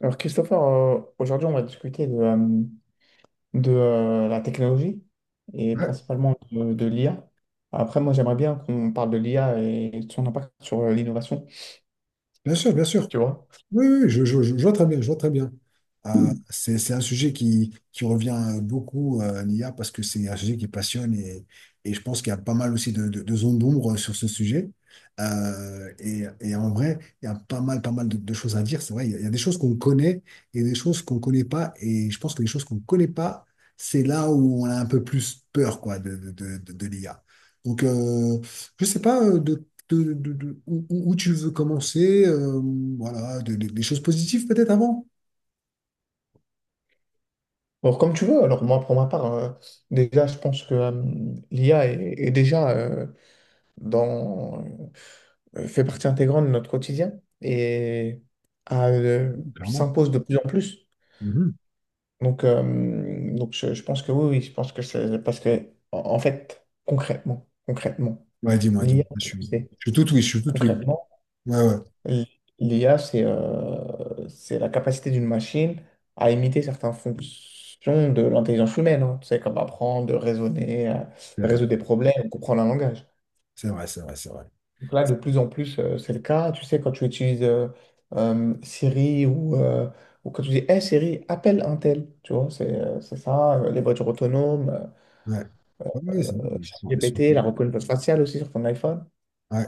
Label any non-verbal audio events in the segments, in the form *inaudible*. Alors Christopher, aujourd'hui on va discuter de la technologie et Ouais, principalement de l'IA. Après moi j'aimerais bien qu'on parle de l'IA et de son impact sur l'innovation, bien sûr, bien sûr. tu vois. Oui, oui, je vois très bien, je vois très bien. Euh, Mm. c'est un sujet qui revient beaucoup à l'IA parce que c'est un sujet qui passionne et je pense qu'il y a pas mal aussi de zones d'ombre sur ce sujet. Et en vrai, il y a pas mal de choses à dire. C'est vrai, il y a des choses qu'on connaît et des choses qu'on connaît pas. Et je pense que les choses qu'on connaît pas, c'est là où on a un peu plus peur quoi, de l'IA. Donc, je sais pas où tu veux commencer, voilà, des choses positives peut-être avant. Alors comme tu veux, alors moi pour ma part, déjà je pense que l'IA est déjà dans, fait partie intégrante de notre quotidien et a, euh, Mhm, clairement. s'impose de plus en plus. Mhm. Donc, je pense que oui, oui, je pense que c'est parce que, en fait, concrètement, concrètement, Ouais, dis-moi, dis-moi, l'IA, c'est je suis tout oui, je suis tout oui. concrètement, Ouais, ouais, l'IA, c'est la capacité d'une machine à imiter certaines fonctions de l'intelligence humaine, hein. Tu sais, comme apprendre, raisonner, c'est vrai. résoudre des problèmes, comprendre un langage. C'est vrai, c'est vrai, c'est vrai. Donc là, de plus en plus, c'est le cas. Tu sais, quand tu utilises Siri, ou ou quand tu dis, Hey Siri, appelle un tel, tu vois, c'est ça, les voitures autonomes. Ouais, ouais, ouais, c'est vrai. Ouais, Ils sont- GPT, ils la reconnaissance faciale aussi sur ton iPhone. Ouais.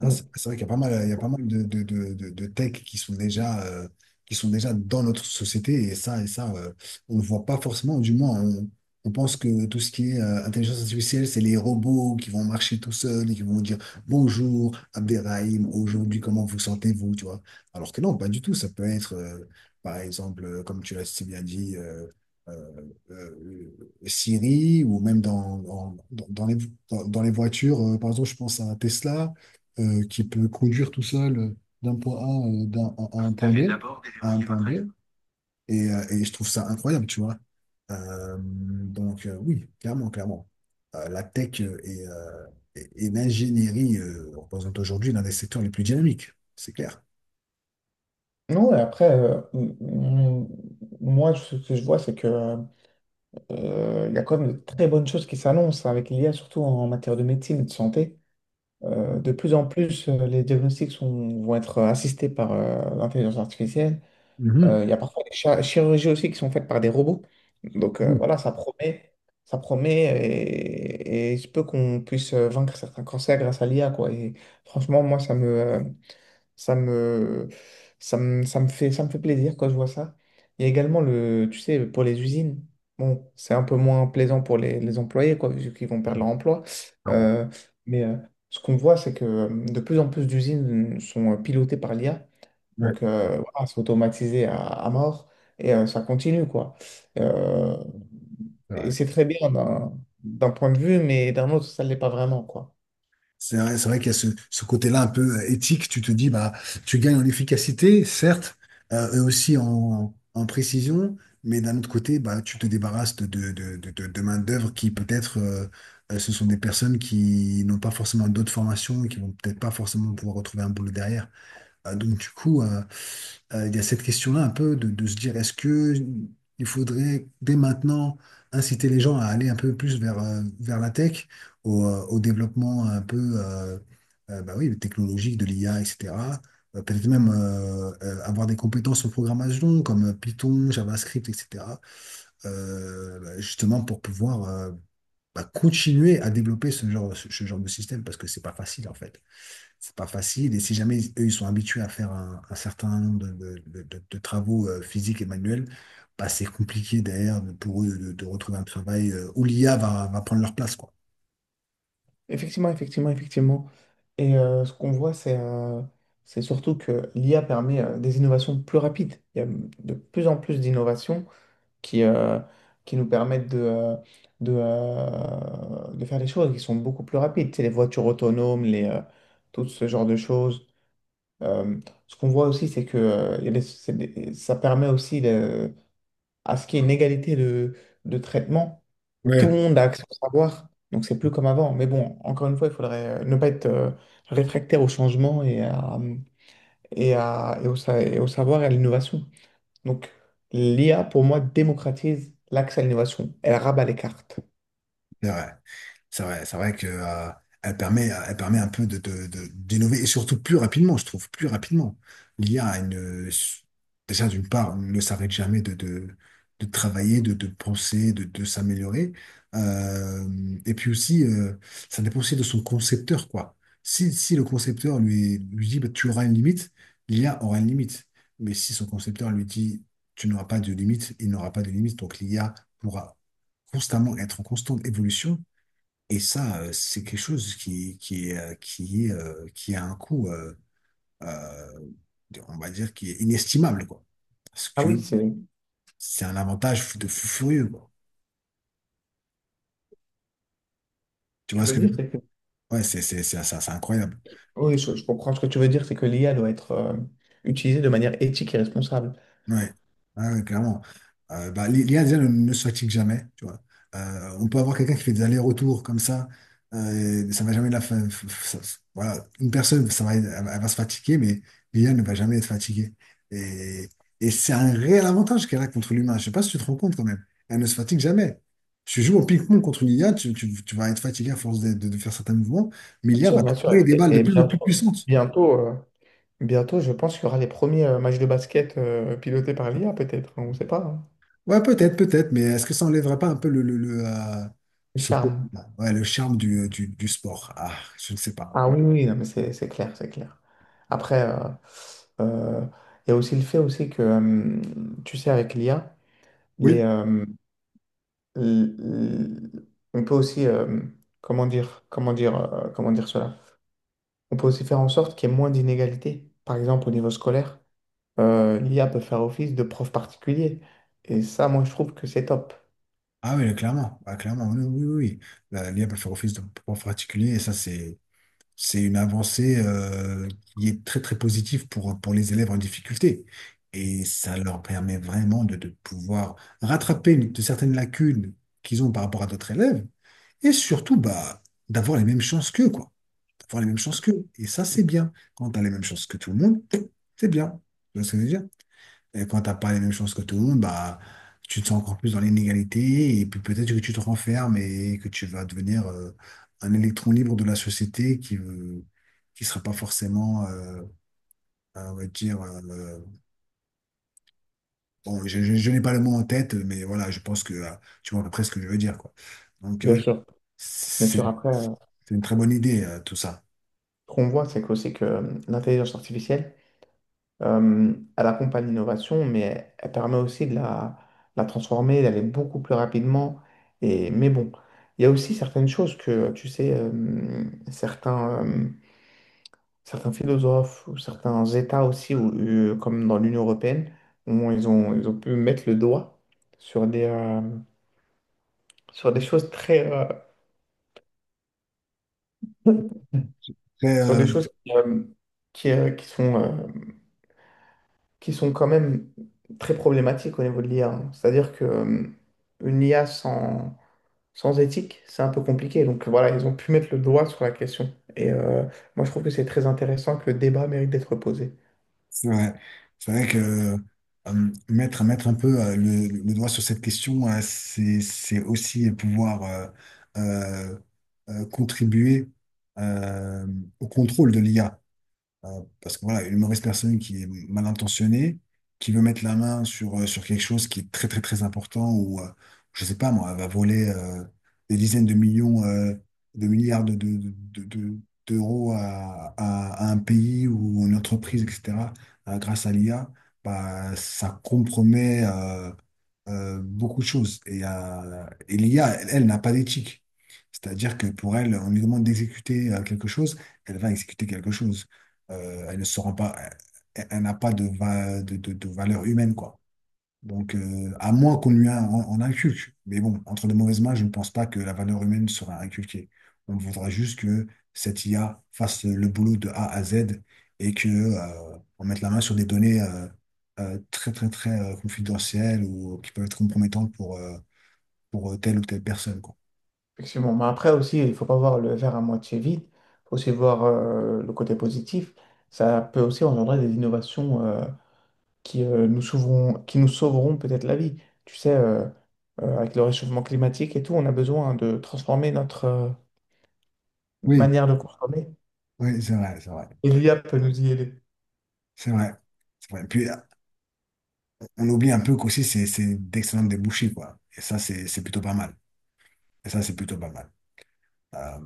Hein, Mm. c'est vrai qu'il y a pas mal, il y a pas mal de tech qui sont déjà dans notre société et ça on ne voit pas forcément, du moins, on pense que tout ce qui est intelligence artificielle, c'est les robots qui vont marcher tout seuls et qui vont dire bonjour Abderrahim, aujourd'hui, comment vous sentez-vous, tu vois? Alors que non, pas du tout. Ça peut être, par exemple, comme tu l'as si bien dit, euh, euh, Siri ou même dans les voitures, par exemple, je pense à Tesla qui peut conduire tout seul d'un point A, d'un, à un point B, à un point B. Et je trouve ça incroyable, tu vois. Donc, oui, clairement, clairement. La tech et l'ingénierie représentent aujourd'hui l'un des secteurs les plus dynamiques, c'est clair. Non, et après, mm, moi, ce que je vois, c'est que il y a quand même de très bonnes choses qui s'annoncent avec l'IA, surtout en matière de médecine et de santé. De plus en plus, les diagnostics vont être assistés par l'intelligence artificielle. Mhm. Il y a parfois des chirurgies aussi qui sont faites par des robots. Donc Oui. voilà, ça promet et il se peut qu'on puisse vaincre certains cancers grâce à l'IA, quoi. Et franchement, moi, euh, Ça me, ça me fait plaisir quand je vois ça. Il y a également le, tu sais, pour les usines, bon, c'est un peu moins plaisant pour les employés, quoi, vu qu'ils vont perdre leur emploi. Euh, mais ce qu'on voit, c'est que de plus en plus d'usines sont pilotées par l'IA. Ouais. Donc, voilà, c'est automatisé à mort et ça continue, quoi. Euh, et Ouais. c'est très bien d'un point de vue, mais d'un autre, ça ne l'est pas vraiment, quoi. C'est vrai qu'il y a ce côté-là un peu éthique. Tu te dis, bah, tu gagnes en efficacité, certes, eux aussi en précision, mais d'un autre côté, bah, tu te débarrasses de main-d'œuvre qui peut-être, ce sont des personnes qui n'ont pas forcément d'autres formations et qui vont peut-être pas forcément pouvoir retrouver un boulot derrière. Du coup, il y a cette question-là un peu de se dire est-ce que il faudrait dès maintenant inciter les gens à aller un peu plus vers la tech, au développement un peu bah oui, technologique de l'IA, etc. Peut-être même avoir des compétences en programmation comme Python, JavaScript, etc. Bah, justement pour pouvoir bah, continuer à développer ce genre de système parce que c'est pas facile en fait, c'est pas facile. Et si jamais eux, ils sont habitués à faire un certain nombre de travaux physiques et manuels, bah, c'est compliqué derrière pour eux de retrouver un travail où l'IA va prendre leur place, quoi. Effectivement, effectivement, effectivement. Et ce qu'on voit, c'est surtout que l'IA permet des innovations plus rapides. Il y a de plus en plus d'innovations qui, euh, qui nous permettent de faire des choses qui sont beaucoup plus rapides. C'est les voitures autonomes, tout ce genre de choses. Euh, ce qu'on voit aussi, c'est que il y a des- c'est des- ça permet aussi de- à ce qu'il y ait une égalité de traitement. Tout le Ouais. monde a accès au savoir, donc c'est plus comme avant. Mais bon, encore une fois, il faudrait ne pas être réfractaire au changement et au savoir et à l'innovation. Donc l'IA, pour moi, démocratise l'accès à l'innovation. Elle rabat les cartes. C'est vrai. C'est vrai, c'est vrai que, elle permet un peu d'innover et surtout plus rapidement, je trouve, plus rapidement. L'IA a une, déjà d'une part, ne s'arrête jamais de travailler, de penser, de s'améliorer. Euh, et puis aussi, ça dépend aussi de son concepteur, quoi. Si le concepteur lui dit, bah, tu auras une limite, l'IA aura une limite. Mais si son concepteur lui dit, tu n'auras pas de limite, il n'aura pas de limite. Donc l'IA pourra constamment être en constante évolution. Et ça, c'est quelque chose qui est, qui a un coût, euh, on va dire, qui est inestimable, quoi. Parce Ah oui, que c'est. c'est un avantage de fou furieux, quoi. Tu Tu vois ce peux que je veux dire, dire? c'est que. Ouais, c'est incroyable. Oui, je comprends ce que tu veux dire, c'est que l'IA doit être utilisée de manière éthique et responsable. Ouais, ah ouais, clairement. Bah, l'IA déjà ne se fatigue jamais, tu vois. On peut avoir quelqu'un qui fait des allers-retours comme ça, ça va jamais la fa- f- f- ça- voilà, une personne, ça va, elle va se fatiguer, mais l'IA ne va jamais être fatiguée. Et, et c'est un réel avantage qu'elle a contre l'humain. Je sais pas si tu te rends compte quand même. Elle ne se fatigue jamais. Tu joues au ping-pong contre l'IA, tu vas être fatigué à force de faire certains mouvements, mais Bien l'IA va sûr, bien trouver sûr. des balles Et, de et plus en plus bientôt, puissantes. bientôt, bientôt, je pense qu'il y aura les premiers matchs de basket pilotés par l'IA, peut-être. On ne sait pas, hein. Ouais, peut-être, peut-être, mais est-ce que ça enlèverait pas un peu Le ce côté- charme. ouais, le charme du sport? Ah, je ne sais pas. Ah oui, oui, non, mais c'est clair, c'est clair. Après, euh, il y a aussi le fait aussi que, tu sais, avec l'IA, Oui. les, euh, l- l- on peut aussi, comment dire, comment dire, comment dire cela? On peut aussi faire en sorte qu'il y ait moins d'inégalités. Par exemple, au niveau scolaire, l'IA peut faire office de prof particulier. Et ça, moi, je trouve que c'est top. Ah oui, clairement. Ah, clairement, oui, oui, oui. L'IA peut faire office de prof particulier et ça, c'est une avancée qui est très, très positive pour les élèves en difficulté. Et ça leur permet vraiment de pouvoir rattraper de certaines lacunes qu'ils ont par rapport à d'autres élèves et surtout, bah, d'avoir les mêmes chances qu'eux, quoi. Avoir les mêmes chances qu'eux. Et ça, c'est bien. Quand tu as les mêmes chances que tout le monde, c'est bien. Tu vois ce que je veux dire? Et quand tu n'as pas les mêmes chances que tout le monde, bah, tu te sens encore plus dans l'inégalité et puis peut-être que tu te renfermes et que tu vas devenir un électron libre de la société qui sera pas forcément, on va dire, bon, je n'ai pas le mot en tête, mais voilà, je pense que tu vois à peu près ce que je veux dire, quoi. Donc, Bien oui, sûr. Bien c'est sûr, après, c'est une très bonne idée, tout ça. ce qu'on voit, c'est que aussi que l'intelligence artificielle, elle accompagne l'innovation, mais elle permet aussi de la transformer, d'aller beaucoup plus rapidement. Et, mais bon, il y a aussi certaines choses que, tu sais, certains, euh, certains philosophes ou certains États aussi, ou, comme dans l'Union européenne, où ils ont pu mettre le doigt sur des, euh, sur des choses très, *laughs* sur des choses qui, euh, qui sont, euh, qui sont quand même très problématiques au niveau de l'IA, hein. C'est-à-dire que une IA sans éthique, c'est un peu compliqué. Donc voilà, ils ont pu mettre le doigt sur la question. Et moi, je trouve que c'est très intéressant que le débat mérite d'être posé. C'est vrai. C'est vrai que mettre un peu le doigt sur cette question, c'est aussi pouvoir euh, contribuer euh, au contrôle de l'IA. Parce que voilà, une mauvaise personne qui est mal intentionnée, qui veut mettre la main sur, sur quelque chose qui est très très très important, ou je sais pas moi, elle va voler des dizaines de millions, de milliards de- de- d'euros à un pays ou une entreprise, etc., grâce à l'IA, bah, ça compromet beaucoup de choses. Et l'IA, elle, elle n'a pas d'éthique. C'est-à-dire que pour elle, on lui demande d'exécuter quelque chose, elle va exécuter quelque chose elle ne se rend pas, elle, elle n'a pas de, de valeur humaine, quoi. Donc, à moins qu'on on inculque. Mais bon, entre de mauvaises mains, je ne pense pas que la valeur humaine sera inculquée. On voudra juste que cette IA fasse le boulot de A à Z et que, on mette la main sur des données très, très, très confidentielles ou qui peuvent être compromettantes pour telle ou telle personne, quoi. Effectivement. Mais après aussi, il ne faut pas voir le verre à moitié vide. Il faut aussi voir le côté positif. Ça peut aussi engendrer des innovations qui nous sauveront, qui nous sauveront peut-être la vie. Tu sais, avec le réchauffement climatique et tout, on a besoin de transformer notre, Oui, manière de consommer. oui, c'est vrai, c'est vrai. Et l'IA peut nous y aider. C'est vrai. C'est vrai. Puis on oublie un peu qu'aussi c'est d'excellents débouchés, quoi. Et ça, c'est plutôt pas mal. Et ça, c'est plutôt pas mal. Euh,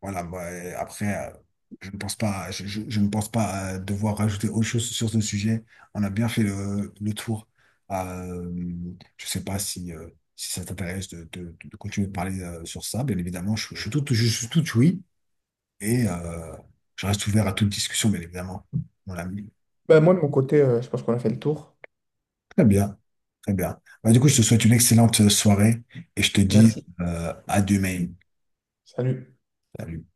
voilà, moi, et après, je ne pense pas, je ne pense pas devoir rajouter autre chose sur ce sujet. On a bien fait le tour. Euh, je ne sais pas si, si ça t'intéresse de continuer de parler sur ça. Bien évidemment, je suis tout oui. Et je reste ouvert à toute discussion, bien évidemment, mon ami. Ben, moi, de mon côté, je pense qu'on a fait le tour. Très bien. Très bien. Bah, du coup, je te souhaite une excellente soirée et je te dis Merci. À demain. Salut. Salut.